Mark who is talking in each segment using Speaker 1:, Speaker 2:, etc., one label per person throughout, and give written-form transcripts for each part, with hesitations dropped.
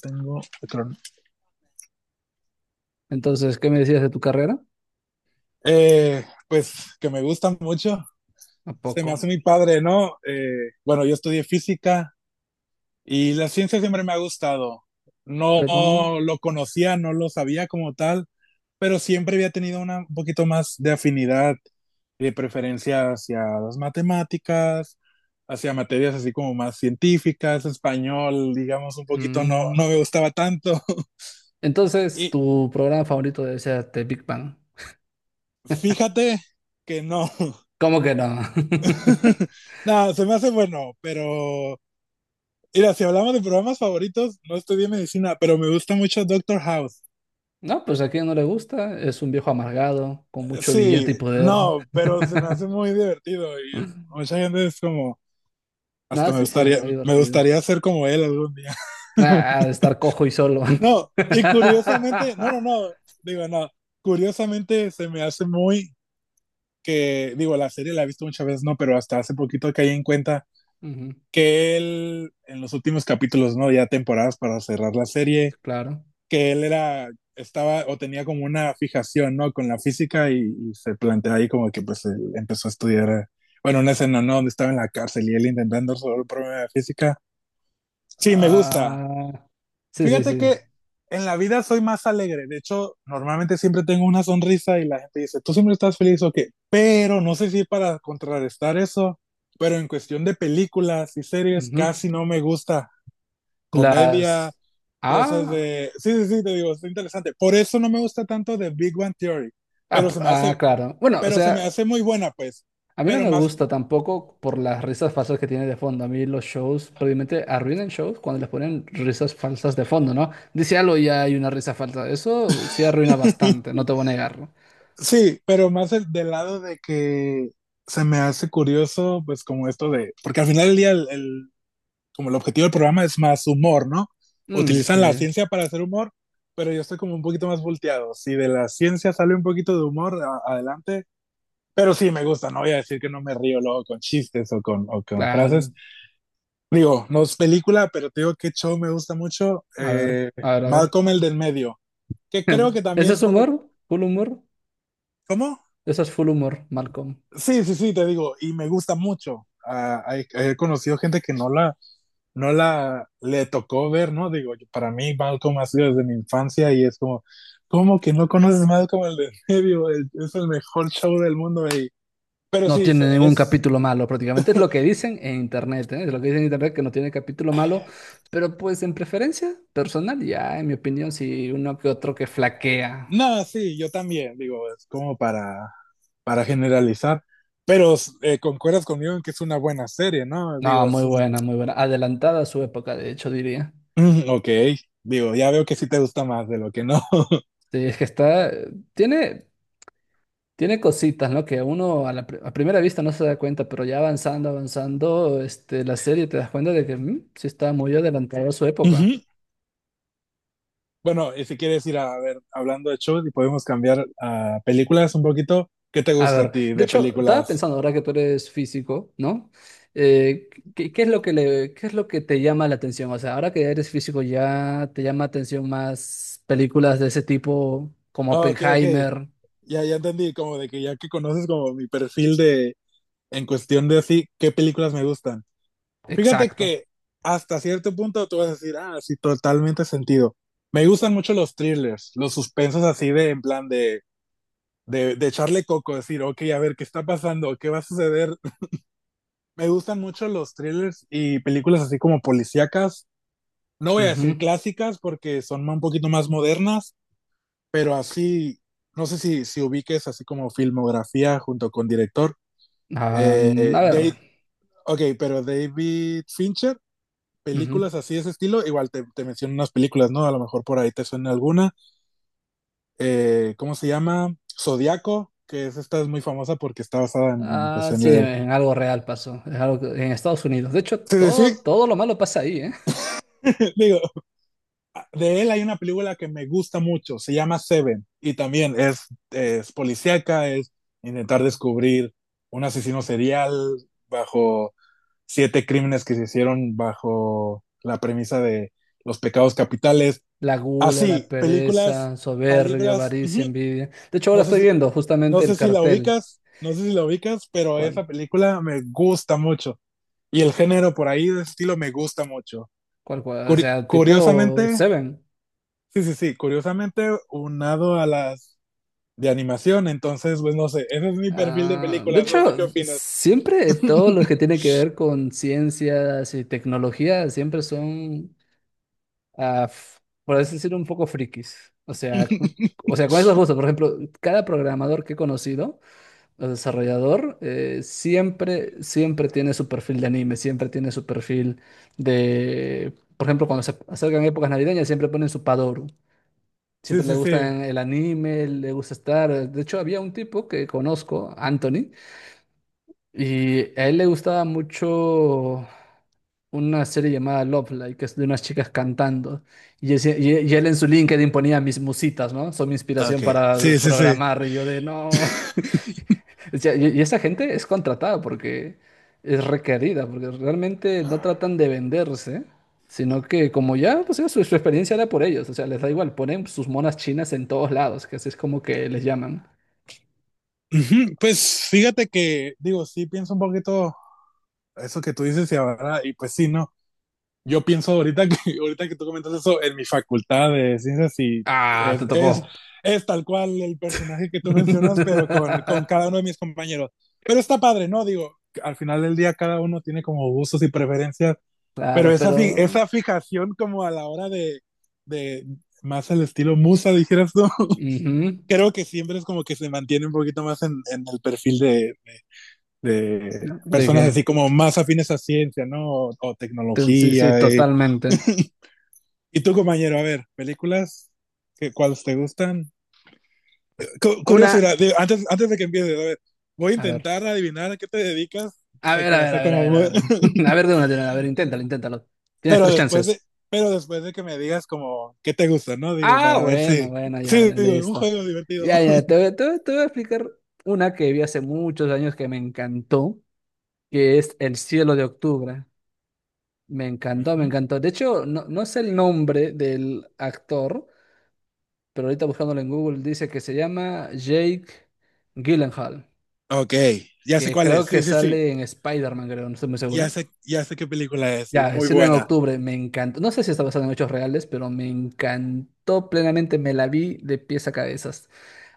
Speaker 1: Tengo.
Speaker 2: Entonces, ¿qué me decías de tu carrera?
Speaker 1: Pues que me gusta mucho.
Speaker 2: ¿A
Speaker 1: Se
Speaker 2: poco?
Speaker 1: me hace mi padre, ¿no? Bueno, yo estudié física y la ciencia siempre me ha gustado.
Speaker 2: Pero...
Speaker 1: No lo conocía, no lo sabía como tal, pero siempre había tenido un poquito más de afinidad y de preferencia hacia las matemáticas, hacia materias así como más científicas, español, digamos, un poquito
Speaker 2: mm,
Speaker 1: no me gustaba tanto.
Speaker 2: entonces,
Speaker 1: Y
Speaker 2: tu programa favorito debe ser The Big Bang.
Speaker 1: fíjate que no,
Speaker 2: ¿Cómo que no?
Speaker 1: no, se me hace bueno, pero mira, si hablamos de programas favoritos, no estudié medicina, pero me gusta mucho Doctor House.
Speaker 2: No, pues a quien no le gusta, es un viejo amargado, con mucho
Speaker 1: Sí,
Speaker 2: billete y poder.
Speaker 1: no, pero se me hace muy divertido mucha gente es como,
Speaker 2: No,
Speaker 1: hasta
Speaker 2: sí, sí, es muy
Speaker 1: me
Speaker 2: divertido.
Speaker 1: gustaría ser como él algún día.
Speaker 2: Ah, ah, estar cojo y solo.
Speaker 1: No, y curiosamente, digo, no, curiosamente se me hace muy que, digo, la serie la he visto muchas veces, no, pero hasta hace poquito caí en cuenta
Speaker 2: Ujú,
Speaker 1: que él en los últimos capítulos, no, ya temporadas para cerrar la
Speaker 2: sí,
Speaker 1: serie
Speaker 2: claro.
Speaker 1: que él era, estaba o tenía como una fijación, ¿no? Con la física y se plantea ahí como que pues él empezó a estudiar, bueno, una escena, ¿no? Donde estaba en la cárcel y él intentando resolver el problema de física. Sí, me gusta.
Speaker 2: Ah, sí, sí,
Speaker 1: Fíjate
Speaker 2: sí.
Speaker 1: que en la vida soy más alegre. De hecho, normalmente siempre tengo una sonrisa y la gente dice, tú siempre estás feliz o okay, qué. Pero no sé si para contrarrestar eso, pero en cuestión de películas y series
Speaker 2: Ujú.
Speaker 1: casi no me gusta. Comedia,
Speaker 2: Las...
Speaker 1: cosas
Speaker 2: Ah,
Speaker 1: de... Sí, sí, sí, te digo, es interesante. Por eso no me gusta tanto de Big Bang Theory, pero se me
Speaker 2: ah,
Speaker 1: hace,
Speaker 2: claro. Bueno, o
Speaker 1: pero se me
Speaker 2: sea,
Speaker 1: hace muy buena, pues.
Speaker 2: a mí no
Speaker 1: Pero
Speaker 2: me
Speaker 1: más,
Speaker 2: gusta tampoco por las risas falsas que tiene de fondo. A mí los shows probablemente arruinan shows cuando les ponen risas falsas de fondo, ¿no? Dice algo y ya hay una risa falsa. Eso sí arruina bastante, no te voy a negarlo.
Speaker 1: sí, pero más del lado de que se me hace curioso, pues como esto de, porque al final del día, como el objetivo del programa es más humor, ¿no?
Speaker 2: Mm,
Speaker 1: Utilizan la
Speaker 2: sí,
Speaker 1: ciencia para hacer humor, pero yo estoy como un poquito más volteado. Si de la ciencia sale un poquito de humor, adelante. Pero sí, me gusta, no voy a decir que no me río luego con chistes o con
Speaker 2: claro.
Speaker 1: frases. Digo, no es película, pero te digo que show me gusta mucho.
Speaker 2: A ver, a ver, a ver.
Speaker 1: Malcolm el del medio, que creo que
Speaker 2: ¿Ese
Speaker 1: también
Speaker 2: es
Speaker 1: por lo...
Speaker 2: humor? ¿Full humor?
Speaker 1: ¿Cómo?
Speaker 2: Eso es full humor, Malcolm.
Speaker 1: Sí, sí, sí, te digo, y me gusta mucho. Ah, he conocido gente que no la le tocó ver, ¿no? Digo, para mí Malcolm ha sido desde mi infancia y es como, ¿cómo que no conoces Malcolm el del medio? Es el mejor show del mundo. Pero
Speaker 2: No
Speaker 1: sí,
Speaker 2: tiene ningún
Speaker 1: es,
Speaker 2: capítulo malo, prácticamente. Es lo que dicen en internet, ¿eh? Es lo que dicen en internet que no tiene capítulo malo. Pero pues en preferencia personal, ya, en mi opinión, sí uno que otro que flaquea.
Speaker 1: no, sí, yo también, digo, es como para generalizar, pero concuerdas conmigo en que es una buena serie, ¿no?
Speaker 2: No,
Speaker 1: Digo,
Speaker 2: muy
Speaker 1: es un...
Speaker 2: buena, muy buena. Adelantada a su época, de hecho, diría.
Speaker 1: Mm, ok, digo, ya veo que sí te gusta más de lo que no.
Speaker 2: Sí, es que está, tiene, tiene cositas, ¿no? Que uno a a primera vista no se da cuenta, pero ya avanzando, avanzando, este, la serie te das cuenta de que sí está muy adelantada a su época.
Speaker 1: Ujú. Bueno, y si quieres ir a ver, hablando de shows y podemos cambiar a películas un poquito, ¿qué te
Speaker 2: A
Speaker 1: gusta a
Speaker 2: ver,
Speaker 1: ti
Speaker 2: de
Speaker 1: de
Speaker 2: hecho, estaba
Speaker 1: películas?
Speaker 2: pensando ahora que tú eres físico, ¿no? Eh, ¿Qué, qué es lo que le, qué es lo que te llama la atención? O sea, ahora que eres físico, ¿ya te llama atención más películas de ese tipo como
Speaker 1: Oh, ok, ok,
Speaker 2: Oppenheimer?
Speaker 1: ya, ya entendí, como de que ya que conoces como mi perfil de, en cuestión de así, ¿qué películas me gustan? Fíjate
Speaker 2: Exacto.
Speaker 1: que hasta cierto punto tú vas a decir, ah, sí, totalmente sentido. Me gustan mucho los thrillers, los suspensos así de, en plan de echarle coco, decir, ok, a ver, ¿qué está pasando? ¿Qué va a suceder? Me gustan mucho los thrillers y películas así como policíacas. No voy a decir
Speaker 2: Ujú.
Speaker 1: clásicas porque son un poquito más modernas, pero así, no sé si, si ubiques así como filmografía junto con director.
Speaker 2: Ah,
Speaker 1: Eh, eh,
Speaker 2: a ver.
Speaker 1: Dave, ok, pero David Fincher
Speaker 2: Ujú.
Speaker 1: películas así de ese estilo, igual te, te menciono unas películas, ¿no? A lo mejor por ahí te suena alguna. ¿Cómo se llama? Zodiaco, que es, esta es muy famosa porque está basada pues,
Speaker 2: Ah,
Speaker 1: en
Speaker 2: sí,
Speaker 1: el...
Speaker 2: en algo real pasó. Es algo que- en Estados Unidos. De hecho,
Speaker 1: Sí, sí,
Speaker 2: todo, todo lo malo pasa ahí, ¿eh?
Speaker 1: sí, digo, de él hay una película que me gusta mucho, se llama Seven, y también es policíaca, es intentar descubrir un asesino serial bajo siete crímenes que se hicieron bajo la premisa de los pecados capitales.
Speaker 2: La gula, la
Speaker 1: Así, películas,
Speaker 2: pereza, soberbia,
Speaker 1: películas,
Speaker 2: avaricia, envidia. De hecho, ahora
Speaker 1: No sé
Speaker 2: estoy
Speaker 1: si,
Speaker 2: viendo
Speaker 1: no
Speaker 2: justamente el
Speaker 1: sé si la
Speaker 2: cartel.
Speaker 1: ubicas, no sé si la ubicas, pero
Speaker 2: ¿Cuál?
Speaker 1: esa película me gusta mucho. Y el género por ahí de estilo me gusta mucho.
Speaker 2: ¿Cuál, cuál? O sea, tipo
Speaker 1: Curiosamente,
Speaker 2: Seven.
Speaker 1: sí, sí, sí, curiosamente unado a las de animación, entonces, pues no sé, ese es mi perfil de
Speaker 2: Ah, de
Speaker 1: películas, no sé
Speaker 2: hecho,
Speaker 1: qué opinas.
Speaker 2: siempre todo lo que tiene que ver con ciencias y tecnología siempre son ah, f- por así decirlo, un poco frikis. O sea, o sea, con esos gustos, por ejemplo, cada programador que he conocido, o desarrollador, siempre, siempre tiene su perfil de anime, siempre tiene su perfil de, por ejemplo, cuando se acercan épocas navideñas, siempre ponen su Padoru.
Speaker 1: Sí,
Speaker 2: Siempre le
Speaker 1: sí, sí.
Speaker 2: gusta el anime, le gusta estar. De hecho, había un tipo que conozco, Anthony, y a él le gustaba mucho una serie llamada Love Live, que es de unas chicas cantando. Y él en su LinkedIn ponía mis musitas, ¿no? Son mi
Speaker 1: Ok.
Speaker 2: inspiración
Speaker 1: Sí,
Speaker 2: para
Speaker 1: sí, sí.
Speaker 2: programar. Y yo de no. O sea, y esa gente es contratada porque es requerida, porque realmente no tratan de venderse, sino que como ya, pues ya su experiencia era por ellos. O sea, les da igual, ponen sus monas chinas en todos lados, que así es como que les llaman.
Speaker 1: Ujú. Pues fíjate que, digo, sí pienso un poquito eso que tú dices y ahora, y pues sí, ¿no? Yo pienso ahorita que, ahorita que tú comentas eso, en mi facultad de ciencias y
Speaker 2: Ah,
Speaker 1: es,
Speaker 2: te
Speaker 1: es,
Speaker 2: tocó.
Speaker 1: es tal cual el personaje que tú mencionas, pero con cada uno de mis compañeros. Pero está padre, ¿no? Digo, al final del día cada uno tiene como gustos y preferencias, pero
Speaker 2: Claro,
Speaker 1: esa,
Speaker 2: pero...
Speaker 1: esa fijación como a la hora de más el estilo musa, dijeras tú,
Speaker 2: ujú.
Speaker 1: creo que siempre es como que se mantiene un poquito más en el perfil de
Speaker 2: ¿De
Speaker 1: personas
Speaker 2: qué?
Speaker 1: así como más afines a ciencia, ¿no? O
Speaker 2: Sí, sí,
Speaker 1: tecnología,
Speaker 2: totalmente.
Speaker 1: y tú, compañero, a ver, películas, que, ¿cuáles te gustan? Curioso,
Speaker 2: Una,
Speaker 1: mira, digo, antes, antes de que empieces, a ver, voy a
Speaker 2: a ver,
Speaker 1: intentar adivinar a qué te dedicas.
Speaker 2: a
Speaker 1: Sé
Speaker 2: ver,
Speaker 1: que
Speaker 2: a
Speaker 1: va a
Speaker 2: ver, a
Speaker 1: ser
Speaker 2: ver, a
Speaker 1: como,
Speaker 2: ver, a
Speaker 1: muy-
Speaker 2: ver. A ver de una, a ver, inténtalo, inténtalo. Tienes
Speaker 1: pero
Speaker 2: tres
Speaker 1: después de,
Speaker 2: chances.
Speaker 1: pero después de que me digas como qué te gusta, ¿no? Digo,
Speaker 2: Ah,
Speaker 1: para ver si,
Speaker 2: bueno, bueno, ya,
Speaker 1: sí,
Speaker 2: ya,
Speaker 1: digo, un
Speaker 2: listo.
Speaker 1: juego divertido.
Speaker 2: Ya, ya, te voy a explicar una que vi hace muchos años que me encantó, que es El cielo de octubre. Me encantó, me
Speaker 1: Ujú.
Speaker 2: encantó. De hecho, no, no sé el nombre del actor, pero ahorita buscándolo en Google dice que se llama Jake Gyllenhaal,
Speaker 1: Ok, ya sé
Speaker 2: que
Speaker 1: cuál
Speaker 2: creo
Speaker 1: es,
Speaker 2: que
Speaker 1: sí, sí, sí,
Speaker 2: sale en Spider-Man, creo, no estoy muy seguro.
Speaker 1: ya sé qué película es, y
Speaker 2: Ya,
Speaker 1: muy
Speaker 2: decirlo en
Speaker 1: buena.
Speaker 2: octubre, me encantó. No sé si está basado en hechos reales, pero me encantó plenamente. Me la vi de pies a cabezas.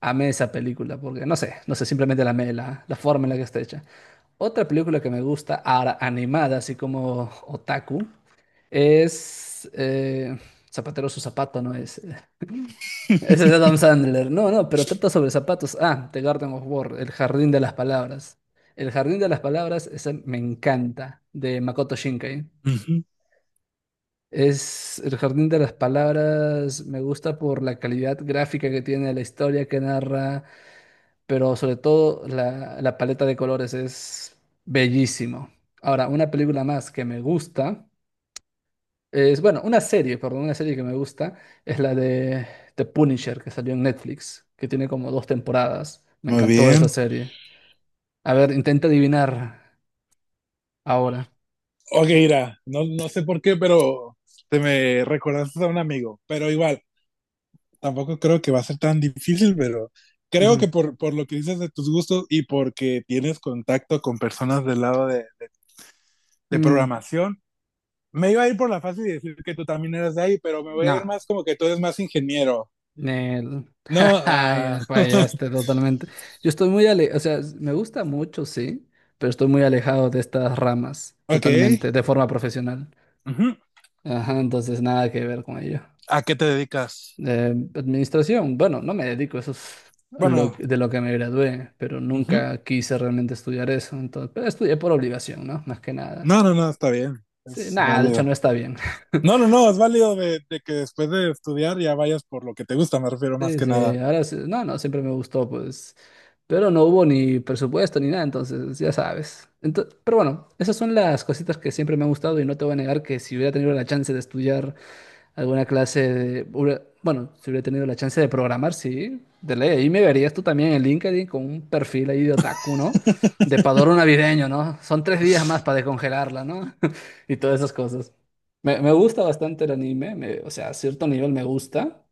Speaker 2: Amé esa película, porque no sé, no sé, simplemente la amé, la forma en la que está hecha. Otra película que me gusta, ahora animada, así como Otaku, es Zapatero a su zapato, no es. Ese es Adam Sandler. No, no, pero trata sobre zapatos. Ah, The Garden of War, El Jardín de las Palabras. El Jardín de las Palabras, ese me encanta, de Makoto Shinkai.
Speaker 1: Ujú.
Speaker 2: Es El Jardín de las Palabras, me gusta por la calidad gráfica que tiene, la historia que narra, pero sobre todo la paleta de colores es bellísimo. Ahora, una película más que me gusta es, bueno, una serie, perdón, una serie que me gusta es la de The Punisher que salió en Netflix, que tiene como dos temporadas. Me
Speaker 1: Muy
Speaker 2: encantó esa
Speaker 1: bien.
Speaker 2: serie. A ver, intenta adivinar ahora.
Speaker 1: Ok, mira, no, no sé por qué, pero te me recordaste a un amigo, pero igual, tampoco creo que va a ser tan difícil, pero creo que
Speaker 2: Ujú.
Speaker 1: por lo que dices de tus gustos y porque tienes contacto con personas del lado de
Speaker 2: Mm,
Speaker 1: programación, me iba a ir por la fácil y decir que tú también eras de ahí, pero me voy a ir
Speaker 2: no.
Speaker 1: más como que tú eres más ingeniero.
Speaker 2: Nel.
Speaker 1: No,
Speaker 2: Ay,
Speaker 1: ah,
Speaker 2: fallaste totalmente. Yo estoy muy ale o sea, me gusta mucho, sí, pero estoy muy alejado de estas ramas,
Speaker 1: ok.
Speaker 2: totalmente, de forma profesional.
Speaker 1: Ujú.
Speaker 2: Ajá, entonces nada que ver con ello.
Speaker 1: ¿A qué te dedicas?
Speaker 2: Administración, bueno, no me dedico, eso es lo,
Speaker 1: Bueno,
Speaker 2: de lo que me gradué, pero
Speaker 1: ujú.
Speaker 2: nunca quise realmente estudiar eso, entonces, pero estudié por obligación, ¿no? Más que nada.
Speaker 1: No, no, no, está bien.
Speaker 2: Sí,
Speaker 1: Es
Speaker 2: nada, de hecho
Speaker 1: válido.
Speaker 2: no está bien.
Speaker 1: No, no, no, es válido de que después de estudiar ya vayas por lo que te gusta, me refiero más
Speaker 2: Sí,
Speaker 1: que
Speaker 2: sí,
Speaker 1: nada.
Speaker 2: no, no, siempre me gustó, pues, pero no hubo ni presupuesto ni nada, entonces, ya sabes. Pero bueno, esas son las cositas que siempre me han gustado y no te voy a negar que si hubiera tenido la chance de estudiar alguna clase de... Bueno, si hubiera tenido la chance de programar, sí, de ley. Ahí me verías tú también en LinkedIn con un perfil ahí de otaku, ¿no? De padoro navideño, ¿no? Son tres días más para descongelarla, ¿no? Y todas esas cosas. Me gusta bastante el anime, o sea, a cierto nivel me gusta.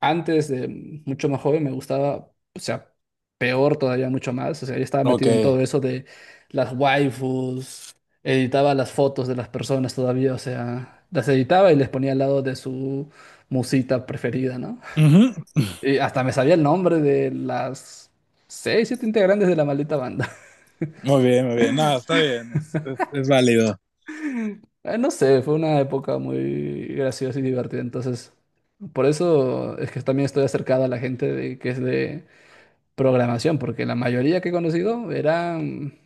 Speaker 2: Antes de mucho más joven me gustaba, o sea, peor todavía mucho más. O sea, yo estaba
Speaker 1: Ok.
Speaker 2: metido en todo eso de las waifus, editaba las fotos de las personas todavía, o sea, las editaba y les ponía al lado de su musita preferida, ¿no?
Speaker 1: Ujú.
Speaker 2: Y hasta me sabía el nombre de las seis, siete integrantes de la maldita banda.
Speaker 1: Muy bien, muy bien. No, está bien, es válido.
Speaker 2: No sé, fue una época muy graciosa y divertida, entonces por eso es que también estoy acercado a la gente de, que es de programación, porque la mayoría que he conocido eran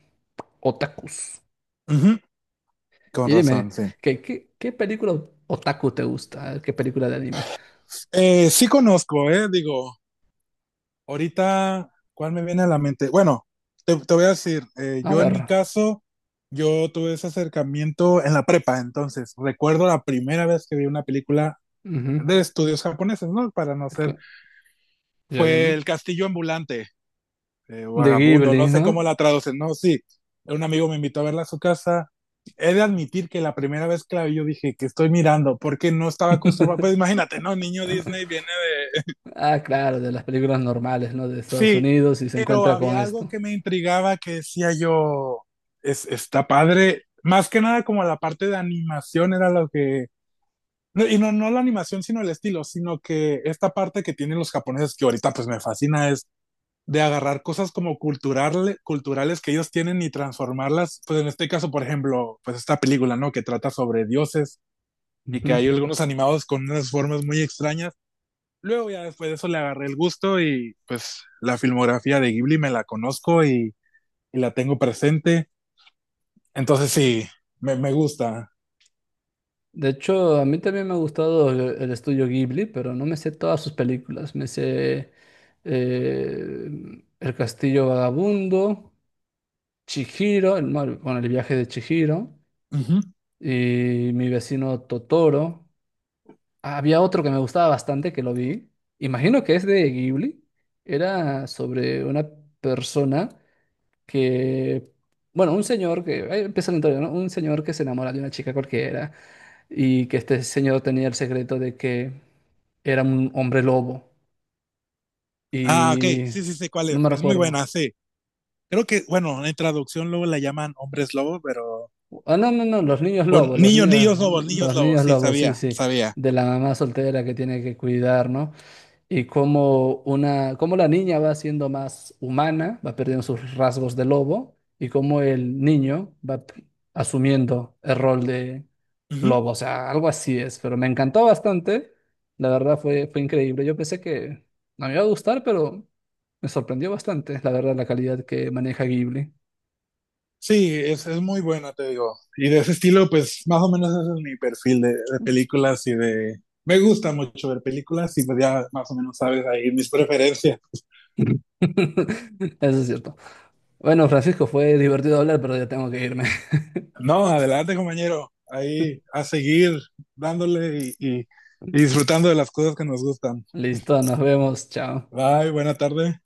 Speaker 2: otakus.
Speaker 1: Ujú. Con
Speaker 2: Y dime,
Speaker 1: razón, sí.
Speaker 2: ¿qué, qué, qué película otaku te gusta? ¿Qué película de anime?
Speaker 1: Sí conozco, digo, ahorita, ¿cuál me viene a la mente? Bueno, te voy a decir,
Speaker 2: A
Speaker 1: yo en
Speaker 2: ver.
Speaker 1: mi caso, yo tuve ese acercamiento en la prepa, entonces recuerdo la primera vez que vi una película
Speaker 2: Ujú.
Speaker 1: de estudios japoneses, ¿no? Para no ser,
Speaker 2: Ok, ya
Speaker 1: fue
Speaker 2: dime.
Speaker 1: El Castillo Ambulante,
Speaker 2: De
Speaker 1: vagabundo,
Speaker 2: Ghibli,
Speaker 1: no sé cómo
Speaker 2: ¿no?
Speaker 1: la traducen, no, sí. Un amigo me invitó a verla a su casa. He de admitir que la primera vez que la vi, yo dije que estoy mirando, porque no estaba acostumbrado. Pues imagínate, ¿no? Niño Disney viene de.
Speaker 2: Ah, claro, de las películas normales, ¿no? De Estados
Speaker 1: Sí,
Speaker 2: Unidos y se
Speaker 1: pero
Speaker 2: encuentra con
Speaker 1: había algo
Speaker 2: esto.
Speaker 1: que me intrigaba que decía yo, está padre. Más que nada, como la parte de animación era lo que no, y no, no la animación, sino el estilo, sino que esta parte que tienen los japoneses que ahorita pues me fascina es de agarrar cosas como cultural, culturales que ellos tienen y transformarlas, pues en este caso, por ejemplo, pues esta película, ¿no? Que trata sobre dioses y que hay
Speaker 2: Ujú.
Speaker 1: algunos animados con unas formas muy extrañas. Luego ya después de eso le agarré el gusto y pues la filmografía de Ghibli me la conozco y la tengo presente. Entonces sí, me gusta.
Speaker 2: De hecho, a mí también me ha gustado el estudio Ghibli, pero no me sé todas sus películas. Me sé El Castillo Vagabundo, Chihiro, bueno, el viaje de Chihiro
Speaker 1: Uh -huh.
Speaker 2: y Mi vecino Totoro. Había otro que me gustaba bastante que lo vi. Imagino que es de Ghibli. Era sobre una persona que, bueno, un señor que, ahí empieza la historia, ¿no? Un señor que se enamora de una chica cualquiera y que este señor tenía el secreto de que era un hombre lobo
Speaker 1: Ah, ok,
Speaker 2: y
Speaker 1: sí, sí, sí, cuál
Speaker 2: no
Speaker 1: es.
Speaker 2: me
Speaker 1: Es muy
Speaker 2: recuerdo.
Speaker 1: buena, sí. Creo que, bueno, en traducción luego la llaman hombres lobo, pero...
Speaker 2: Ah, no, no, no,
Speaker 1: O niños, niños
Speaker 2: los
Speaker 1: lobos,
Speaker 2: niños
Speaker 1: sí,
Speaker 2: lobos, sí,
Speaker 1: sabía,
Speaker 2: sí,
Speaker 1: sabía.
Speaker 2: de la mamá soltera que tiene que cuidar, ¿no? Y cómo una, cómo la niña va siendo más humana, va perdiendo sus rasgos de lobo y cómo el niño asumiendo el rol de
Speaker 1: Uh -huh.
Speaker 2: lobo, o sea, algo así es, pero me encantó bastante, la verdad fue, fue increíble, yo pensé que no me iba a gustar, pero me sorprendió bastante, la verdad, la calidad que maneja Ghibli.
Speaker 1: Sí, es muy buena, te digo. Y de ese estilo, pues más o menos ese es mi perfil de películas y de... Me gusta mucho ver películas y pues ya más o menos sabes ahí mis preferencias.
Speaker 2: Eso es cierto. Bueno, Francisco, fue divertido hablar, pero ya tengo que irme.
Speaker 1: No, adelante compañero, ahí a seguir dándole y disfrutando de las cosas que nos gustan.
Speaker 2: Listo, nos vemos, chao.
Speaker 1: Bye, buena tarde.